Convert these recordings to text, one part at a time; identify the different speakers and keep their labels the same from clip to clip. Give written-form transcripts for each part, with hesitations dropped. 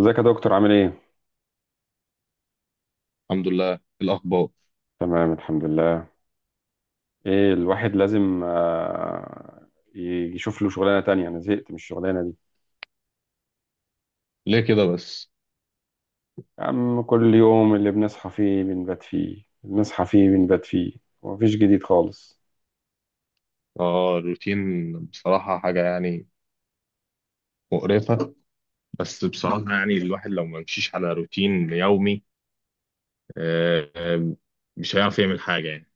Speaker 1: ازيك يا دكتور عامل ايه؟
Speaker 2: الحمد لله. الأخبار؟
Speaker 1: تمام الحمد لله. ايه الواحد لازم يشوف له شغلانة تانية. انا زهقت من الشغلانة دي.
Speaker 2: ليه كده بس؟
Speaker 1: يا عم كل يوم اللي بنصحى فيه بنبات فيه بنصحى فيه بنبات فيه، ومفيش جديد خالص.
Speaker 2: اه، الروتين بصراحة حاجة يعني مقرفة. بس بصراحة يعني الواحد لو ما مشيش على روتين يومي آه، آه، مش هيعرف يعمل حاجة يعني.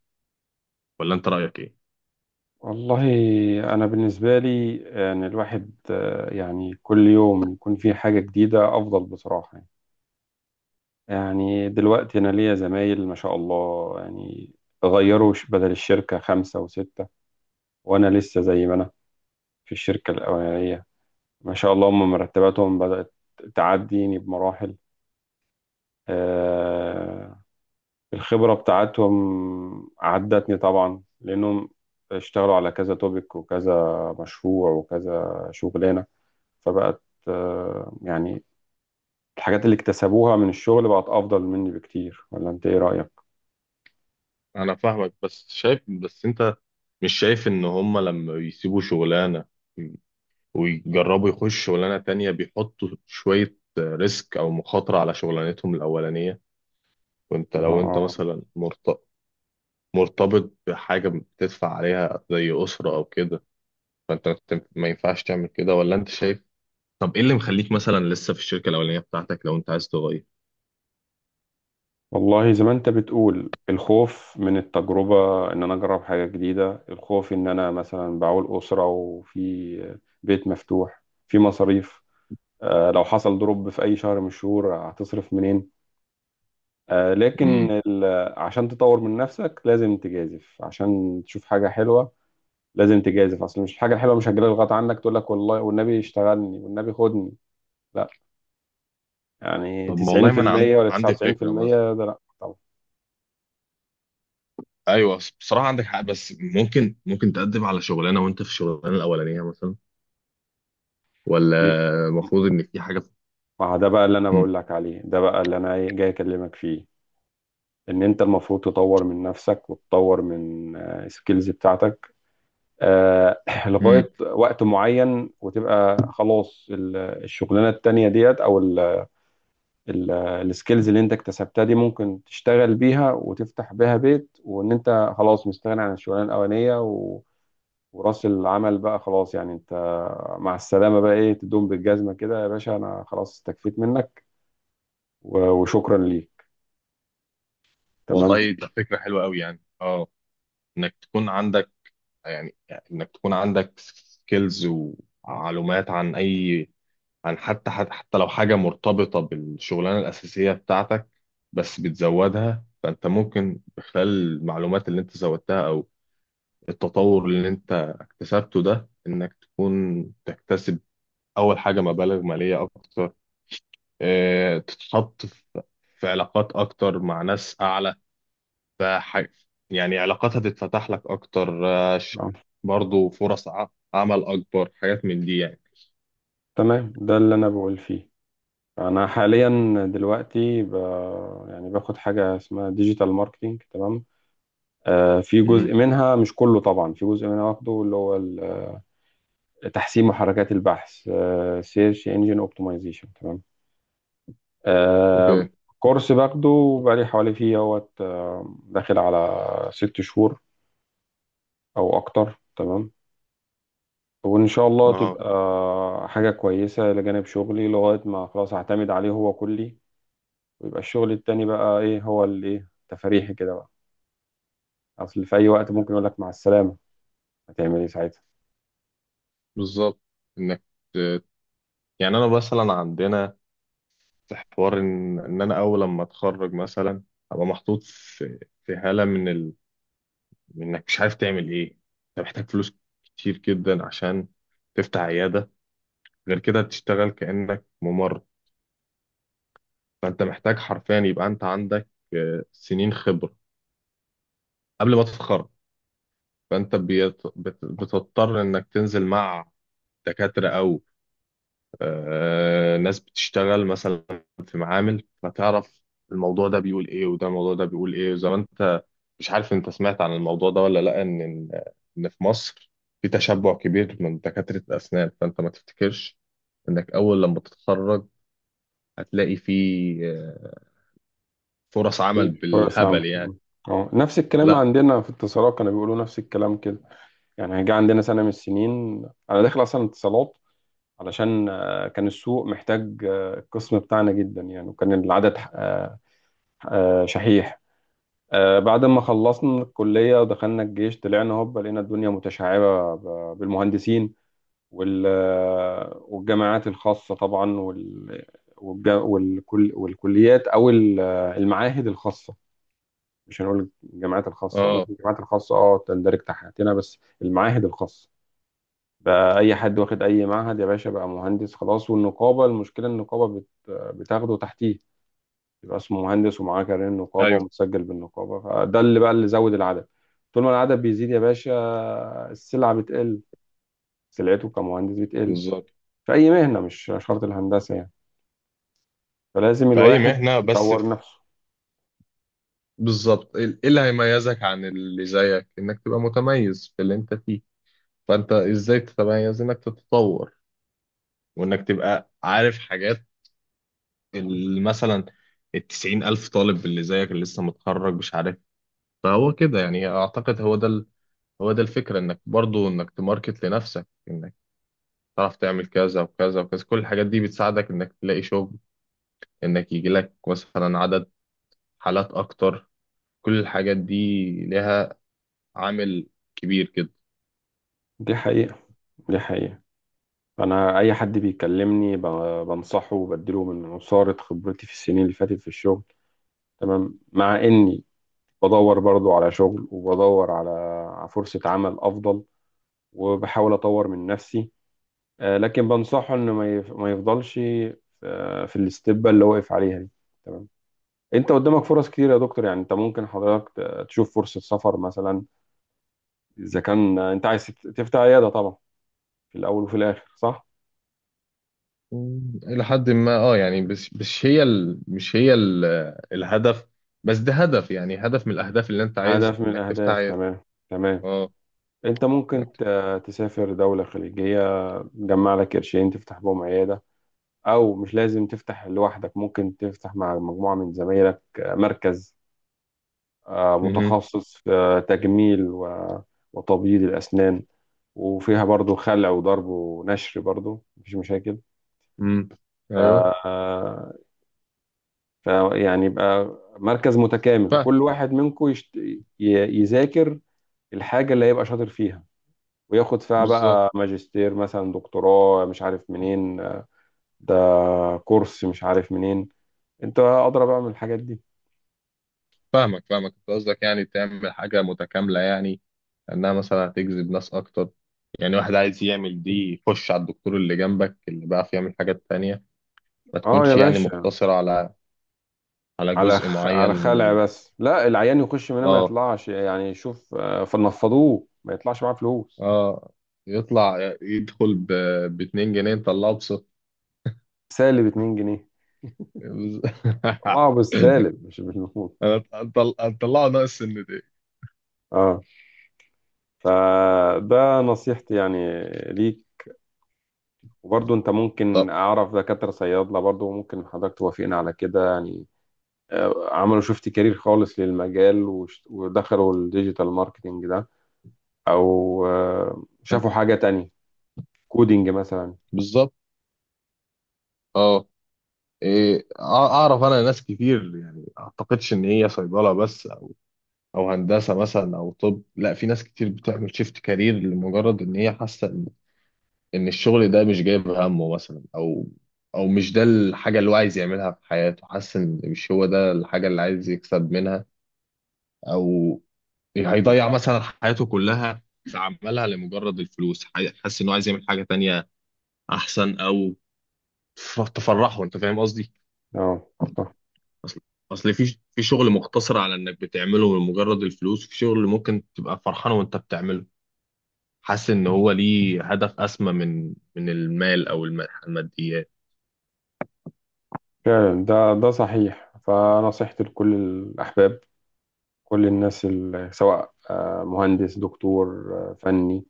Speaker 2: ولا أنت رأيك إيه؟
Speaker 1: والله انا بالنسبة لي، ان الواحد يعني كل يوم يكون فيه حاجة جديدة افضل بصراحة يعني. يعني دلوقتي انا ليا زمايل ما شاء الله يعني، غيروا بدل الشركة خمسة وستة، وانا لسه زي ما انا في الشركة الأولانية. ما شاء الله هم مرتباتهم بدأت تعديني بمراحل. آه، الخبرة بتاعتهم عدتني طبعا، لأنهم اشتغلوا على كذا توبيك وكذا مشروع وكذا شغلانة، فبقت يعني الحاجات اللي اكتسبوها من الشغل بقت أفضل مني بكتير. ولا أنت إيه رأيك؟
Speaker 2: أنا فاهمك، بس شايف، بس أنت مش شايف إن هما لما بيسيبوا شغلانة ويجربوا يخشوا شغلانة تانية بيحطوا شوية ريسك أو مخاطرة على شغلانتهم الأولانية، وأنت لو
Speaker 1: آه،
Speaker 2: مثلا مرتبط بحاجة بتدفع عليها زي أسرة أو كده، فأنت ما ينفعش تعمل كده، ولا أنت شايف؟ طب إيه اللي مخليك مثلا لسه في الشركة الأولانية بتاعتك لو أنت عايز تغير؟
Speaker 1: والله زي ما انت بتقول، الخوف من التجربة ان انا اجرب حاجة جديدة، الخوف ان انا مثلا بعول اسرة، وفي بيت مفتوح، في مصاريف. لو حصل ضرب في اي شهر من الشهور هتصرف منين؟ آه، لكن
Speaker 2: امم.
Speaker 1: ال- عشان تطور من نفسك لازم تجازف، عشان تشوف حاجة حلوة. لازم تجازف، اصل مش الحاجة الحلوة مش هتجيلك غصب عنك تقول لك والله والنبي اشتغلني والنبي خدني. لا. يعني
Speaker 2: طب ما والله، ما أنا
Speaker 1: 90% ولا
Speaker 2: عندي فكرة مثلا.
Speaker 1: 99%؟ ده لا.
Speaker 2: أيوه، بصراحة عندك حق، بس ممكن تقدم على شغلانة وأنت في الشغلانة الأولانية مثلا، ولا؟
Speaker 1: طبعا.
Speaker 2: المفروض إن في حاجة.
Speaker 1: ما ده بقى اللي انا
Speaker 2: امم.
Speaker 1: بقول لك عليه، ده بقى اللي انا إيه جاي اكلمك فيه، ان انت المفروض تطور من نفسك وتطور من السكيلز بتاعتك. آه،
Speaker 2: امم.
Speaker 1: لغاية وقت معين، وتبقى خلاص الشغلانة التانية ديت، او السكيلز اللي انت اكتسبتها دي ممكن تشتغل بيها وتفتح بيها بيت، وان انت خلاص مستغني عن الشغلانة الاولانية وراس العمل بقى خلاص يعني. انت مع السلامة بقى ايه، تدوم بالجزمة كده يا باشا، انا خلاص استكفيت منك وشكرا ليك. تمام.
Speaker 2: والله، ده فكرة حلوة أوي يعني. أه إنك تكون عندك يعني إنك تكون عندك سكيلز ومعلومات عن حتى لو حاجة مرتبطة بالشغلانة الأساسية بتاعتك، بس بتزودها، فأنت ممكن بخلال المعلومات اللي أنت زودتها أو التطور اللي أنت اكتسبته ده، إنك تكون تكتسب أول حاجة مبالغ مالية أكتر، اه تتحط في علاقات أكتر مع ناس أعلى، فح- يعني علاقات هتتفتح لك أكتر،
Speaker 1: آه،
Speaker 2: برضو فرص عمل، أكبر حاجات من دي يعني.
Speaker 1: تمام ده اللي انا بقول فيه. انا حاليا دلوقتي يعني باخد حاجه اسمها ديجيتال ماركتنج، تمام. آه في جزء
Speaker 2: امم.
Speaker 1: منها مش كله طبعا، في جزء منها واخده اللي هو تحسين محركات البحث، سيرش انجن اوبتمايزيشن، تمام. آه
Speaker 2: اوكي.
Speaker 1: كورس باخده بقالي حوالي فيه اهوت داخل على 6 شهور او اكتر، تمام. وان شاء الله
Speaker 2: اه،
Speaker 1: تبقى حاجه كويسه لجانب شغلي، لغايه ما خلاص هعتمد عليه هو كلي، ويبقى الشغل التاني بقى ايه هو اللي ايه تفريحي كده بقى. اصل في اي وقت ممكن يقول لك مع السلامه، هتعمل ايه ساعتها؟
Speaker 2: بالظبط. إنك يعني انا مثلا عندنا، في حوار ان انا اول لما اتخرج مثلا ابقى محطوط في حاله من انك مش عارف تعمل ايه. انت محتاج فلوس كتير جدا عشان تفتح عياده، غير كده تشتغل كانك ممرض. فانت محتاج حرفيا يبقى انت عندك سنين خبره قبل ما تتخرج. فانت بتضطر انك تنزل مع دكاتره، ناس بتشتغل مثلا في معامل، فتعرف الموضوع ده بيقول ايه، وده الموضوع ده بيقول ايه. وزي ما انت مش عارف، انت سمعت عن الموضوع ده ولا لا، ان ان إن في مصر في تشبع كبير من دكاترة الأسنان، فأنت ما تفتكرش إنك أول لما تتخرج هتلاقي في آه، فرص عمل
Speaker 1: إيه، فرص عامه.
Speaker 2: بالهبل يعني.
Speaker 1: اه نفس الكلام
Speaker 2: لا.
Speaker 1: عندنا في اتصالات، كانوا بيقولوا نفس الكلام كده يعني. جه عندنا سنه من السنين انا داخل اصلا اتصالات، علشان كان السوق محتاج القسم بتاعنا جدا يعني، وكان العدد شحيح. بعد ما خلصنا الكليه ودخلنا الجيش، طلعنا هوب لقينا الدنيا متشعبه بالمهندسين وال والجامعات الخاصة طبعا، والكليات أو المعاهد الخاصة. مش هنقول الجامعات الخاصة،
Speaker 2: اه.
Speaker 1: ممكن الجامعات الخاصة اه تندرج تحتنا، بس المعاهد الخاصة بقى أي حد واخد أي معهد يا باشا بقى مهندس خلاص. والنقابة، المشكلة النقابة بتاخده تحتيه، يبقى اسمه مهندس ومعاه كارنيه النقابة،
Speaker 2: ايوه،
Speaker 1: ومتسجل بالنقابة، فده اللي بقى اللي زود العدد. طول ما العدد بيزيد يا باشا السلعة بتقل، سلعته كمهندس بتقل.
Speaker 2: بالظبط.
Speaker 1: في أي مهنة، مش شرط الهندسة يعني، فلازم
Speaker 2: فأي
Speaker 1: الواحد
Speaker 2: مهنة بس
Speaker 1: يطور
Speaker 2: في.
Speaker 1: نفسه.
Speaker 2: بالظبط، إيه اللي هيميزك عن اللي زيك، إنك تبقى متميز في اللي أنت فيه، فانت ازاي تتميز، انك تتطور وانك تبقى عارف حاجات اللي مثلا 90,000 طالب اللي زيك اللي لسه متخرج مش عارف. فهو كده يعني، اعتقد هو ده الفكرة، انك برضو انك تماركت لنفسك، انك تعرف تعمل كذا وكذا وكذا، كل الحاجات دي بتساعدك انك تلاقي شغل، انك يجي لك مثلا عدد حالات اكتر، كل الحاجات دي لها عامل كبير كده.
Speaker 1: دي حقيقة، دي حقيقة. أنا أي حد بيكلمني بنصحه وبديله من عصارة خبرتي في السنين اللي فاتت في الشغل. تمام. مع إني بدور برضو على شغل، وبدور على فرصة عمل أفضل، وبحاول أطور من نفسي. لكن بنصحه إنه ما يفضلش في الاستبة اللي واقف عليها دي. تمام. أنت قدامك فرص كتير يا دكتور يعني. أنت ممكن حضرتك تشوف فرصة سفر مثلا، إذا كان أنت عايز تفتح عيادة طبعا، في الأول وفي الآخر، صح؟
Speaker 2: مم، إلى حد ما، يعني، بس مش هي ال... مش هي ال... الهدف. بس ده هدف، يعني هدف من الأهداف اللي أنت عايز،
Speaker 1: هدف من
Speaker 2: إنك تفتح
Speaker 1: الأهداف،
Speaker 2: عيادة.
Speaker 1: تمام. تمام.
Speaker 2: اه،
Speaker 1: أنت
Speaker 2: إنك
Speaker 1: ممكن
Speaker 2: تفتح.
Speaker 1: تسافر دولة خليجية، تجمع لك قرشين تفتح بهم عيادة. أو مش لازم تفتح لوحدك، ممكن تفتح مع مجموعة من زمايلك مركز
Speaker 2: مهم.
Speaker 1: متخصص في تجميل وتبييض الأسنان، وفيها برضو خلع وضرب ونشر برضو مفيش مشاكل.
Speaker 2: مم. أيوه،
Speaker 1: ف فيعني يبقى مركز متكامل،
Speaker 2: فاهم.
Speaker 1: وكل واحد منكم يذاكر الحاجة اللي هيبقى شاطر فيها، وياخد فيها
Speaker 2: بالظبط.
Speaker 1: بقى ماجستير مثلا، دكتوراه مش عارف منين، ده كورس مش عارف منين، انت اضرب بقى من الحاجات دي.
Speaker 2: فاهمك، أنت قصدك يعني تعمل حاجة متكاملة يعني، إنها مثلا هتجذب ناس أكتر، يعني واحد عايز يعمل دي يخش على الدكتور اللي جنبك اللي بيعرف يعمل حاجات تانية، ما
Speaker 1: اه يا
Speaker 2: تكونش يعني
Speaker 1: باشا،
Speaker 2: مقتصرة على جزء معين
Speaker 1: على
Speaker 2: من
Speaker 1: خلع
Speaker 2: ال...
Speaker 1: بس؟ لا، العيان يخش منها ما
Speaker 2: اه.
Speaker 1: يطلعش يعني، شوف فنفضوه ما يطلعش معاه فلوس.
Speaker 2: اه، يطلع يدخل ب2 جنيه نطلعه ب0.
Speaker 1: سالب 2 جنيه. طلعه بالسالب مش بالنقود.
Speaker 2: انا اطلعه ناقص سنتين.
Speaker 1: اه. فده نصيحتي يعني ليك. وبرضه انت ممكن،
Speaker 2: طب.
Speaker 1: اعرف دكاترة صيادلة برضه، ممكن حضرتك توافقنا على كده يعني، عملوا شفت كارير خالص للمجال، ودخلوا الديجيتال ماركتينج ده، او شافوا حاجة تانية، كودينج مثلا.
Speaker 2: بالظبط. اه، إيه، اعرف انا ناس كتير، يعني اعتقدش ان هي صيدله بس، او أو هندسه مثلا او طب. لا، في ناس كتير بتعمل شيفت كارير لمجرد ان هي حاسه إن الشغل ده مش جايب همه مثلا، او مش ده الحاجه اللي هو عايز يعملها في حياته، حاسس ان مش هو ده الحاجه اللي عايز يكسب منها، او هيضيع مثلا حياته كلها في عملها لمجرد الفلوس، حاسس انه عايز يعمل حاجه تانية احسن، او تفرحه، انت فاهم قصدي؟
Speaker 1: اه. صح.
Speaker 2: اصل اصل، في شغل مقتصر على انك بتعمله لمجرد الفلوس، في شغل ممكن تبقى فرحان وانت بتعمله، حاسس ان هو ليه هدف اسمى من المال او الماديات.
Speaker 1: فعلا ده صحيح. فنصيحتي لكل الاحباب كل الناس، سواء مهندس، دكتور، فني،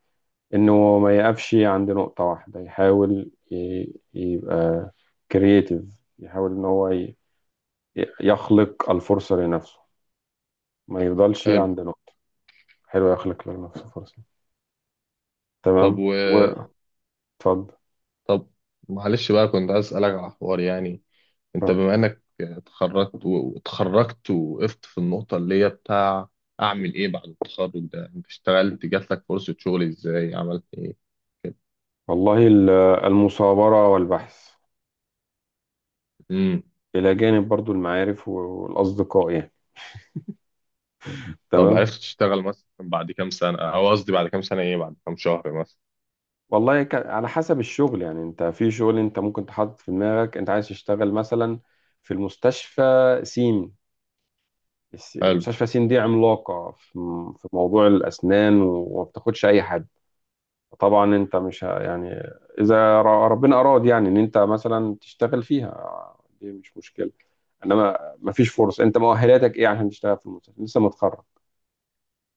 Speaker 1: انه ما يقفش عند نقطة واحدة، يحاول يبقى كرييتيف. يحاول ان هو يخلق الفرصة لنفسه، ما يفضلش
Speaker 2: حلو.
Speaker 1: عند نقطة. حلو يخلق لنفسه فرصة،
Speaker 2: طب
Speaker 1: تمام.
Speaker 2: و
Speaker 1: واتفضل.
Speaker 2: طب، معلش بقى، كنت عايز اسالك على حوار يعني، انت
Speaker 1: تمام.
Speaker 2: بما انك اتخرجت وقفت في النقطة اللي هي بتاع، اعمل ايه بعد التخرج ده، انت اشتغلت، جات لك فرصة شغل، ازاي عملت ايه كده؟
Speaker 1: والله المثابرة والبحث،
Speaker 2: امم.
Speaker 1: إلى جانب برضو المعارف والأصدقاء يعني،
Speaker 2: طب
Speaker 1: تمام.
Speaker 2: عرفت تشتغل مثلا بعد كام سنة، او قصدي بعد كام سنة ايه، بعد كام شهر مثلا؟
Speaker 1: والله على حسب الشغل يعني، أنت في شغل أنت ممكن تحط في دماغك أنت عايز تشتغل مثلا في المستشفى سين.
Speaker 2: حلو.
Speaker 1: مستشفى سين دي عملاقة في في موضوع الأسنان، وما بتاخدش أي حد. طبعا انت مش ه- يعني اذا ربنا اراد يعني ان انت مثلا تشتغل فيها دي مش مشكله. انما ما فيش فرص، انت مؤهلاتك ايه عشان تشتغل في المستشفى لسه متخرج،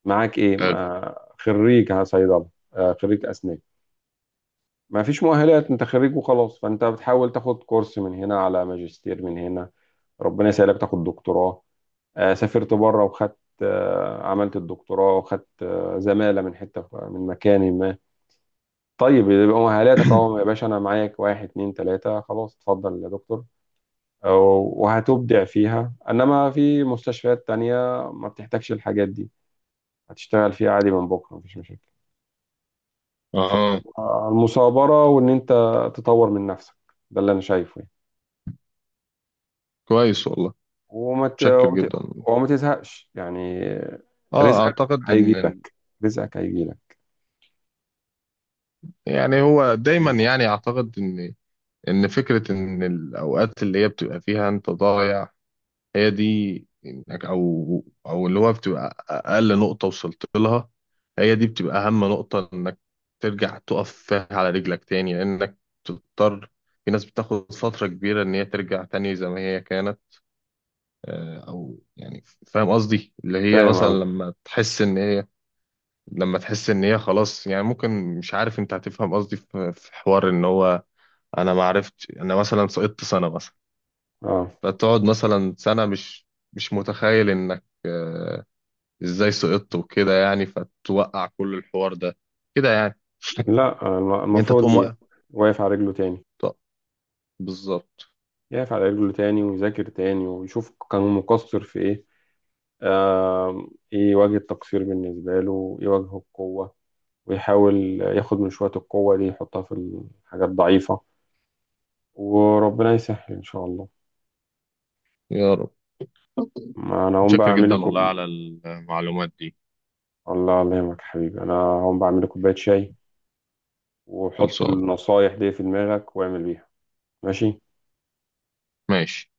Speaker 1: معاك ايه؟
Speaker 2: حلو.
Speaker 1: ما خريج صيدله، خريج اسنان. ما فيش مؤهلات، انت خريج وخلاص، فانت بتحاول تاخد كورس من هنا، على ماجستير من هنا، ربنا يسهلك تاخد دكتوراه. سافرت بره وخدت عملت الدكتوراه وخدت زماله من حته من مكان ما، طيب يبقى مهالاتك اهو يا باشا، انا معاك واحد اتنين تلاتة خلاص، اتفضل يا دكتور. أو- وهتبدع فيها. انما في مستشفيات تانية ما بتحتاجش الحاجات دي، هتشتغل فيها عادي من بكرة مفيش مشاكل.
Speaker 2: اها.
Speaker 1: فالمثابرة، وان انت تطور من نفسك، ده اللي انا شايفه يعني.
Speaker 2: كويس والله.
Speaker 1: وما ت...
Speaker 2: متشكر
Speaker 1: وت-
Speaker 2: جدا.
Speaker 1: وما تزهقش يعني.
Speaker 2: اه،
Speaker 1: رزقك
Speaker 2: اعتقد
Speaker 1: هيجي
Speaker 2: ان
Speaker 1: لك، رزقك هيجي لك.
Speaker 2: يعني هو دايما، يعني اعتقد ان فكرة ان الاوقات اللي هي بتبقى فيها انت ضايع، هي دي، او اللي هو بتبقى اقل نقطة وصلت لها، هي دي بتبقى اهم نقطة، انك ترجع تقف فيها على رجلك تاني، لانك تضطر، في ناس بتاخد فترة كبيرة ان هي ترجع تاني زي ما هي كانت، او يعني فاهم قصدي، اللي هي
Speaker 1: فاهم
Speaker 2: مثلا
Speaker 1: قصدي.
Speaker 2: لما تحس ان هي خلاص يعني، ممكن، مش عارف انت هتفهم قصدي، في حوار ان هو انا ما عرفت، انا مثلا سقطت سنة مثلا،
Speaker 1: اه.
Speaker 2: فتقعد مثلا سنة مش متخيل انك ازاي سقطت وكده يعني، فتوقع كل الحوار ده كده يعني،
Speaker 1: لا
Speaker 2: انت
Speaker 1: المفروض
Speaker 2: تقوم
Speaker 1: دي
Speaker 2: واقف.
Speaker 1: واقف على رجله تاني.
Speaker 2: طب. بالظبط.
Speaker 1: يقف على رجله تاني، ويذاكر تاني، ويشوف كان مقصر في ايه. آم، ايه وجه التقصير بالنسبة له، ايه وجه القوة، ويحاول ياخد من شوية القوة دي يحطها في الحاجات الضعيفة، وربنا يسهل ان شاء الله.
Speaker 2: يا رب.
Speaker 1: ما انا هقوم بقى
Speaker 2: متشكر
Speaker 1: اعمل
Speaker 2: جدا والله
Speaker 1: لكم.
Speaker 2: على المعلومات دي.
Speaker 1: الله، الله يهمك يا حبيبي، انا هقوم بعمل لكم كوباية شاي، وحط
Speaker 2: خلصان.
Speaker 1: النصايح دي في دماغك واعمل بيها. ماشي.
Speaker 2: ماشي.